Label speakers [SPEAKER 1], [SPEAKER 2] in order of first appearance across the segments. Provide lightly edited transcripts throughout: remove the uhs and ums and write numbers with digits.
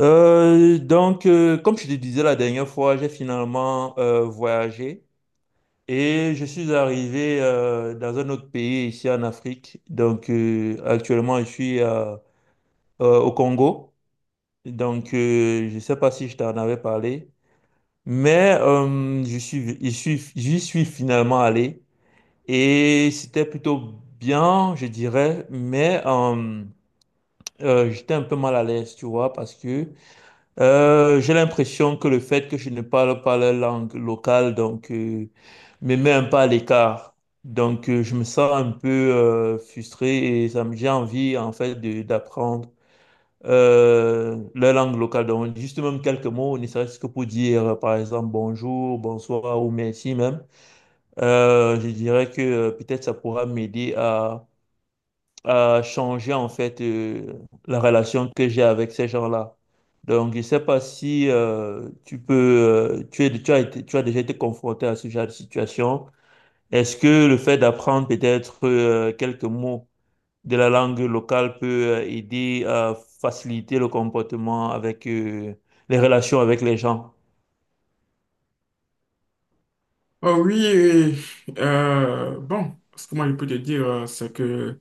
[SPEAKER 1] Comme je te disais la dernière fois, j'ai finalement voyagé et je suis arrivé dans un autre pays ici en Afrique. Actuellement, je suis au Congo. Je ne sais pas si je t'en avais parlé, mais je suis, j'y suis finalement allé et c'était plutôt bien, je dirais, mais j'étais un peu mal à l'aise, tu vois, parce que j'ai l'impression que le fait que je ne parle pas la langue locale, me met un peu à l'écart. Je me sens un peu frustré et ça me, j'ai envie, en fait, d'apprendre la langue locale. Donc, juste même quelques mots, ne serait-ce que pour dire, par exemple, bonjour, bonsoir ou merci même. Je dirais que peut-être ça pourra m'aider à changer en fait la relation que j'ai avec ces gens-là. Donc, je ne sais pas si tu peux, tu es, tu as déjà été confronté à ce genre de situation. Est-ce que le fait d'apprendre peut-être quelques mots de la langue locale peut aider à faciliter le comportement avec les relations avec les gens?
[SPEAKER 2] Oh oui, et, bon, ce que moi je peux te dire, c'est que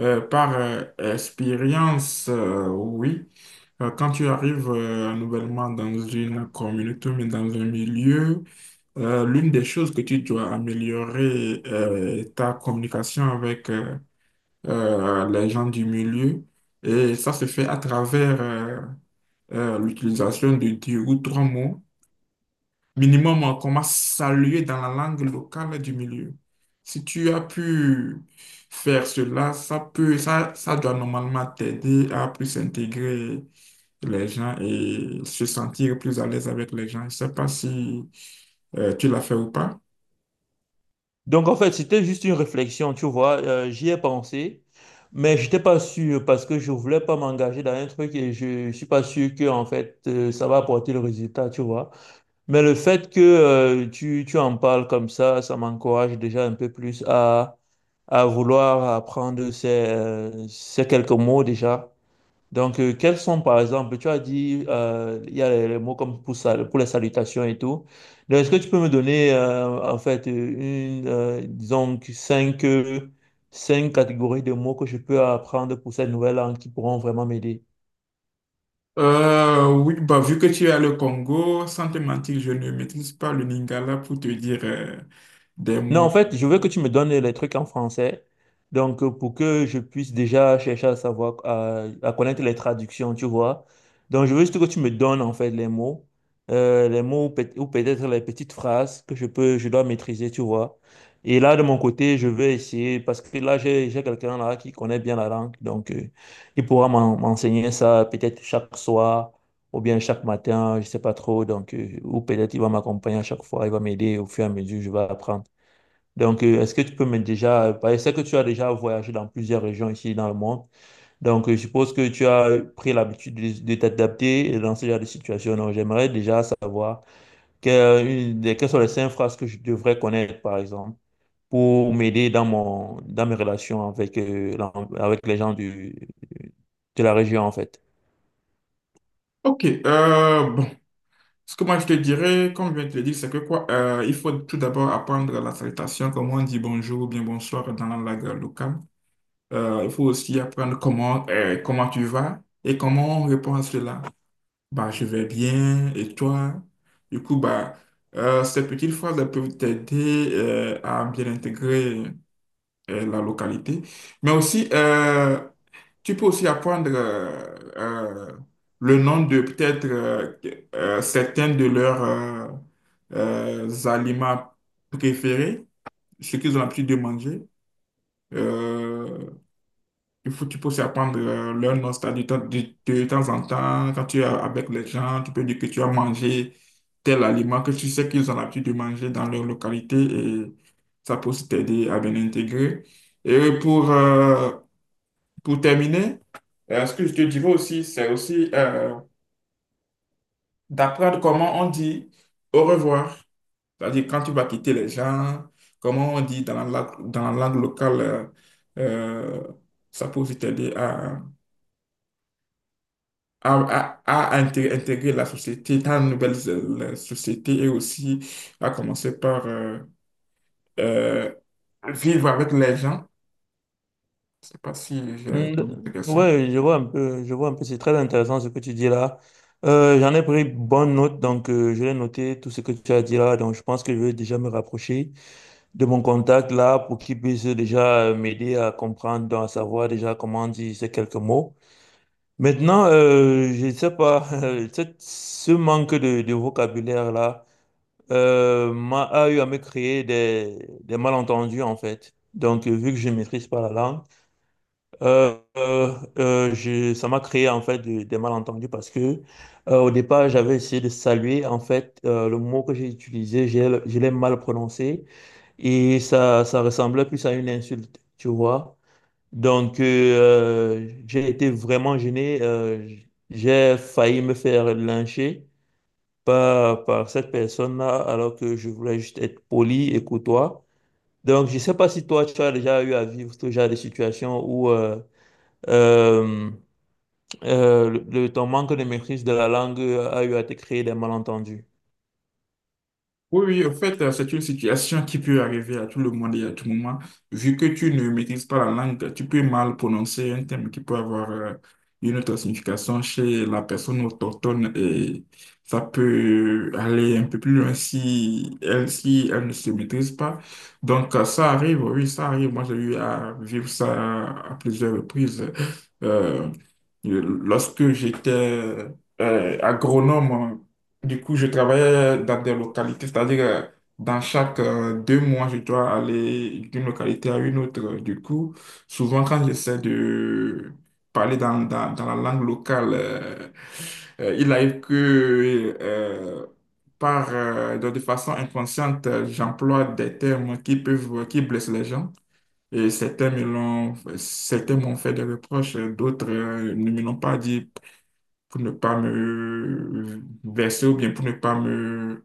[SPEAKER 2] par expérience, oui, quand tu arrives nouvellement dans une communauté, mais dans un milieu, l'une des choses que tu dois améliorer est ta communication avec les gens du milieu. Et ça se fait à travers l'utilisation de 2 ou 3 mots minimum qu'on m'a salué dans la langue locale du milieu. Si tu as pu faire cela, ça peut, ça doit normalement t'aider à plus intégrer les gens et se sentir plus à l'aise avec les gens. Je ne sais pas si tu l'as fait ou pas.
[SPEAKER 1] Donc en fait, c'était juste une réflexion, tu vois, j'y ai pensé, mais j'étais pas sûr parce que je voulais pas m'engager dans un truc et je suis pas sûr que en fait ça va apporter le résultat, tu vois. Mais le fait que tu, tu en parles comme ça m'encourage déjà un peu plus à vouloir apprendre ces, ces quelques mots déjà donc, quels sont, par exemple, tu as dit, il y a les mots comme pour, pour les salutations et tout. Donc, est-ce que tu peux me donner, en fait, une, disons, que cinq, cinq catégories de mots que je peux apprendre pour cette nouvelle langue qui pourront vraiment m'aider?
[SPEAKER 2] Oui, bah, vu que tu es le Congo, sans te mentir, je ne maîtrise pas le Lingala pour te dire des
[SPEAKER 1] Non, en
[SPEAKER 2] mots.
[SPEAKER 1] fait, je veux que tu me donnes les trucs en français. Pour que je puisse déjà chercher à savoir, à connaître les traductions, tu vois. Donc, je veux juste que tu me donnes, en fait, les mots ou ou peut-être les petites phrases que je peux, je dois maîtriser, tu vois. Et là, de mon côté, je vais essayer, parce que là, j'ai quelqu'un là qui connaît bien la langue. Il pourra m'enseigner ça peut-être chaque soir ou bien chaque matin, je sais pas trop. Ou peut-être il va m'accompagner à chaque fois, il va m'aider au fur et à mesure, je vais apprendre. Est-ce que tu peux me déjà, parce que je sais que tu as déjà voyagé dans plusieurs régions ici dans le monde. Je suppose que tu as pris l'habitude de t'adapter dans ce genre de situation. Donc, j'aimerais déjà savoir quelles sont les cinq phrases que je devrais connaître, par exemple, pour m'aider dans mon, dans mes relations avec, avec les gens du, de la région, en fait.
[SPEAKER 2] Ok, bon, ce que moi je te dirais, comme je viens de te le dire, c'est que quoi, il faut tout d'abord apprendre la salutation, comment on dit bonjour ou bien bonsoir dans la langue locale. Il faut aussi apprendre comment, comment tu vas et comment on répond à cela. Bah, je vais bien, et toi? Du coup, bah, ces petites phrases elles peuvent t'aider à bien intégrer la localité. Mais aussi, tu peux aussi apprendre euh, le nom de peut-être certains de leurs aliments préférés, ce qu'ils ont l'habitude de manger. Euh, il faut, tu peux aussi apprendre leur nom, c'est-à-dire de, temps de temps en temps, quand tu es avec les gens, tu peux dire que tu as mangé tel aliment que tu sais qu'ils ont l'habitude de manger dans leur localité et ça peut aussi t'aider à bien intégrer. Et pour terminer, ce que je te dirais aussi, c'est aussi d'apprendre comment on dit au revoir. C'est-à-dire quand tu vas quitter les gens, comment on dit dans la langue locale, euh, ça peut vite t'aider à, à intégrer la société dans une nouvelle la société et aussi à commencer par euh, vivre avec les gens. Je ne sais pas si j'ai
[SPEAKER 1] Mm, d-
[SPEAKER 2] répondu à ta question.
[SPEAKER 1] Ouais, je vois un peu, je vois un peu, c'est très intéressant ce que tu dis là. J'en ai pris bonne note, donc je vais noter tout ce que tu as dit là. Donc je pense que je vais déjà me rapprocher de mon contact là pour qu'il puisse déjà m'aider à comprendre, donc à savoir déjà comment dire ces quelques mots. Maintenant, je ne sais pas, ce manque de vocabulaire là m'a a eu à me créer des malentendus en fait. Donc vu que je ne maîtrise pas la langue. Ça m'a créé en fait des malentendus parce que au départ j'avais essayé de saluer en fait le mot que j'ai utilisé, je l'ai mal prononcé et ça ressemblait plus à une insulte, tu vois. Donc euh, j'ai été vraiment gêné, j'ai failli me faire lyncher par, par cette personne-là alors que je voulais juste être poli et courtois. Donc je sais pas si toi tu as déjà eu à vivre ce genre de situation où euh, le, ton manque de maîtrise de la langue a eu à te créer des malentendus.
[SPEAKER 2] Oui, oui, en fait, c'est une situation qui peut arriver à tout le monde et à tout moment. Vu que tu ne maîtrises pas la langue, tu peux mal prononcer un terme qui peut avoir une autre signification chez la personne autochtone et ça peut aller un peu plus loin si elle, si elle ne se maîtrise pas. Donc, ça arrive, oui, ça arrive. Moi, j'ai eu à vivre ça à plusieurs reprises. Euh, lorsque j'étais agronome, du coup, je travaillais dans des localités, c'est-à-dire dans chaque 2 mois, je dois aller d'une localité à une autre. Du coup, souvent quand j'essaie de parler dans la langue locale, il arrive que par, de façon inconsciente, j'emploie des termes qui peuvent, qui blessent les gens. Et certains me l'ont, certains m'ont fait des reproches, d'autres ne me l'ont pas dit pour ne pas me verser ou bien pour ne pas me,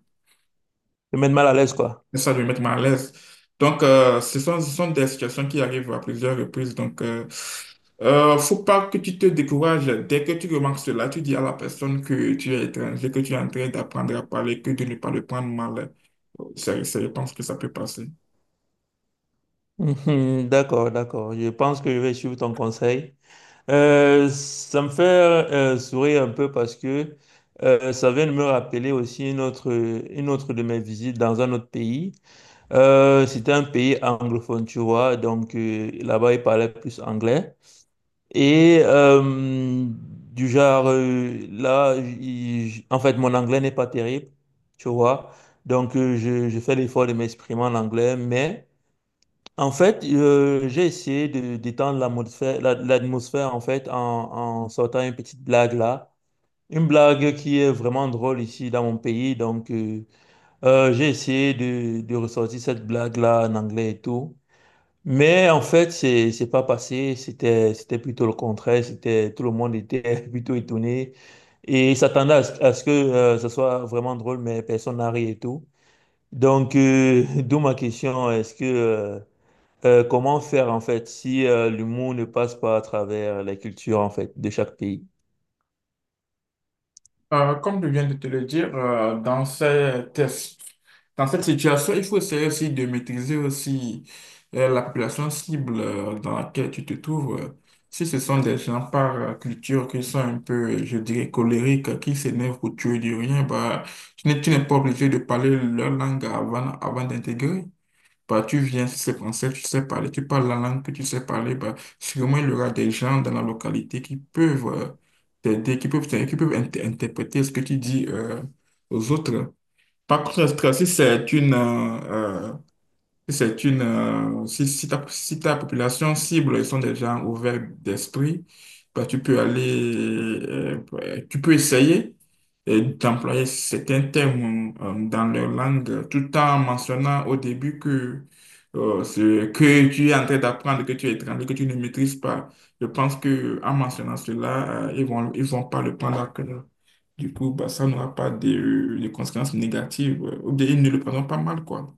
[SPEAKER 1] Te mettre mal à l'aise, quoi.
[SPEAKER 2] ça, me mettre mal à l'aise. Donc, ce sont des situations qui arrivent à plusieurs reprises. Donc, faut pas que tu te décourages. Dès que tu remarques cela, tu dis à la personne que tu es étranger, que tu es en train d'apprendre à parler, que de ne pas le prendre mal. C'est, je pense que ça peut passer.
[SPEAKER 1] Mhm. D'accord, d'accord. Je pense que je vais suivre ton conseil. Ça me fait sourire un peu parce que ça vient de me rappeler aussi une autre de mes visites dans un autre pays. C'était un pays anglophone, tu vois. Donc là-bas, ils parlaient plus anglais. Et du genre, là, en fait, mon anglais n'est pas terrible, tu vois. Je fais l'effort de m'exprimer en anglais. Mais, en fait, j'ai essayé de d'étendre l'atmosphère, l'atmosphère, en fait, en, en sortant une petite blague là. Une blague qui est vraiment drôle ici dans mon pays. J'ai essayé de ressortir cette blague là en anglais et tout. Mais en fait, c'est pas passé. C'était plutôt le contraire. C'était tout le monde était plutôt étonné et s'attendait à ce que ça soit vraiment drôle, mais personne n'a ri et tout. Donc, d'où ma question, est-ce que comment faire en fait si l'humour ne passe pas à travers la culture en fait de chaque pays?
[SPEAKER 2] Comme je viens de te le dire, dans ces tests, dans cette situation, il faut essayer aussi de maîtriser aussi la population cible dans laquelle tu te trouves. Si ce sont des gens par culture qui sont un peu, je dirais, colériques, qui s'énervent pour tuer du rien, bah, tu n'es pas obligé de parler leur langue avant, avant d'intégrer. Bah, tu viens, si c'est français, tu sais parler, tu parles la langue que tu sais parler, bah, sûrement il y aura des gens dans la localité qui peuvent t'aider, qui peuvent interpréter ce que tu dis aux autres. Par contre, si c'est une, c'est une, si, si ta, si ta population cible, ils sont des gens ouverts d'esprit, bah, tu peux aller, ouais, tu peux essayer d'employer certains termes dans leur langue tout en mentionnant au début que ce que tu es en train d'apprendre, que tu es étranger, que tu ne maîtrises pas. Je pense que en mentionnant cela, ils vont pas le prendre à cœur. Du coup, bah, ça n'aura pas de, de conséquences négatives, ou bien ils ne le prendront pas mal, quoi.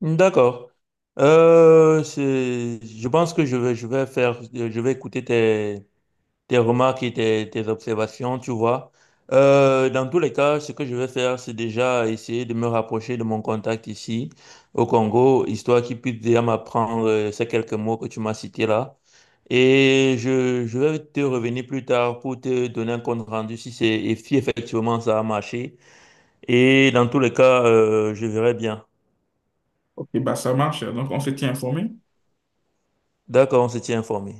[SPEAKER 1] D'accord. Je pense que je vais faire je vais écouter tes tes remarques et tes, tes observations, tu vois. Dans tous les cas, ce que je vais faire, c'est déjà essayer de me rapprocher de mon contact ici au Congo, histoire qu'il puisse déjà m'apprendre ces quelques mots que tu m'as cités là. Et je vais te revenir plus tard pour te donner un compte rendu si c'est et si effectivement ça a marché. Et dans tous les cas, je verrai bien.
[SPEAKER 2] Ok, bah ça marche. Donc, on se tient informé.
[SPEAKER 1] D'accord, on se tient informé.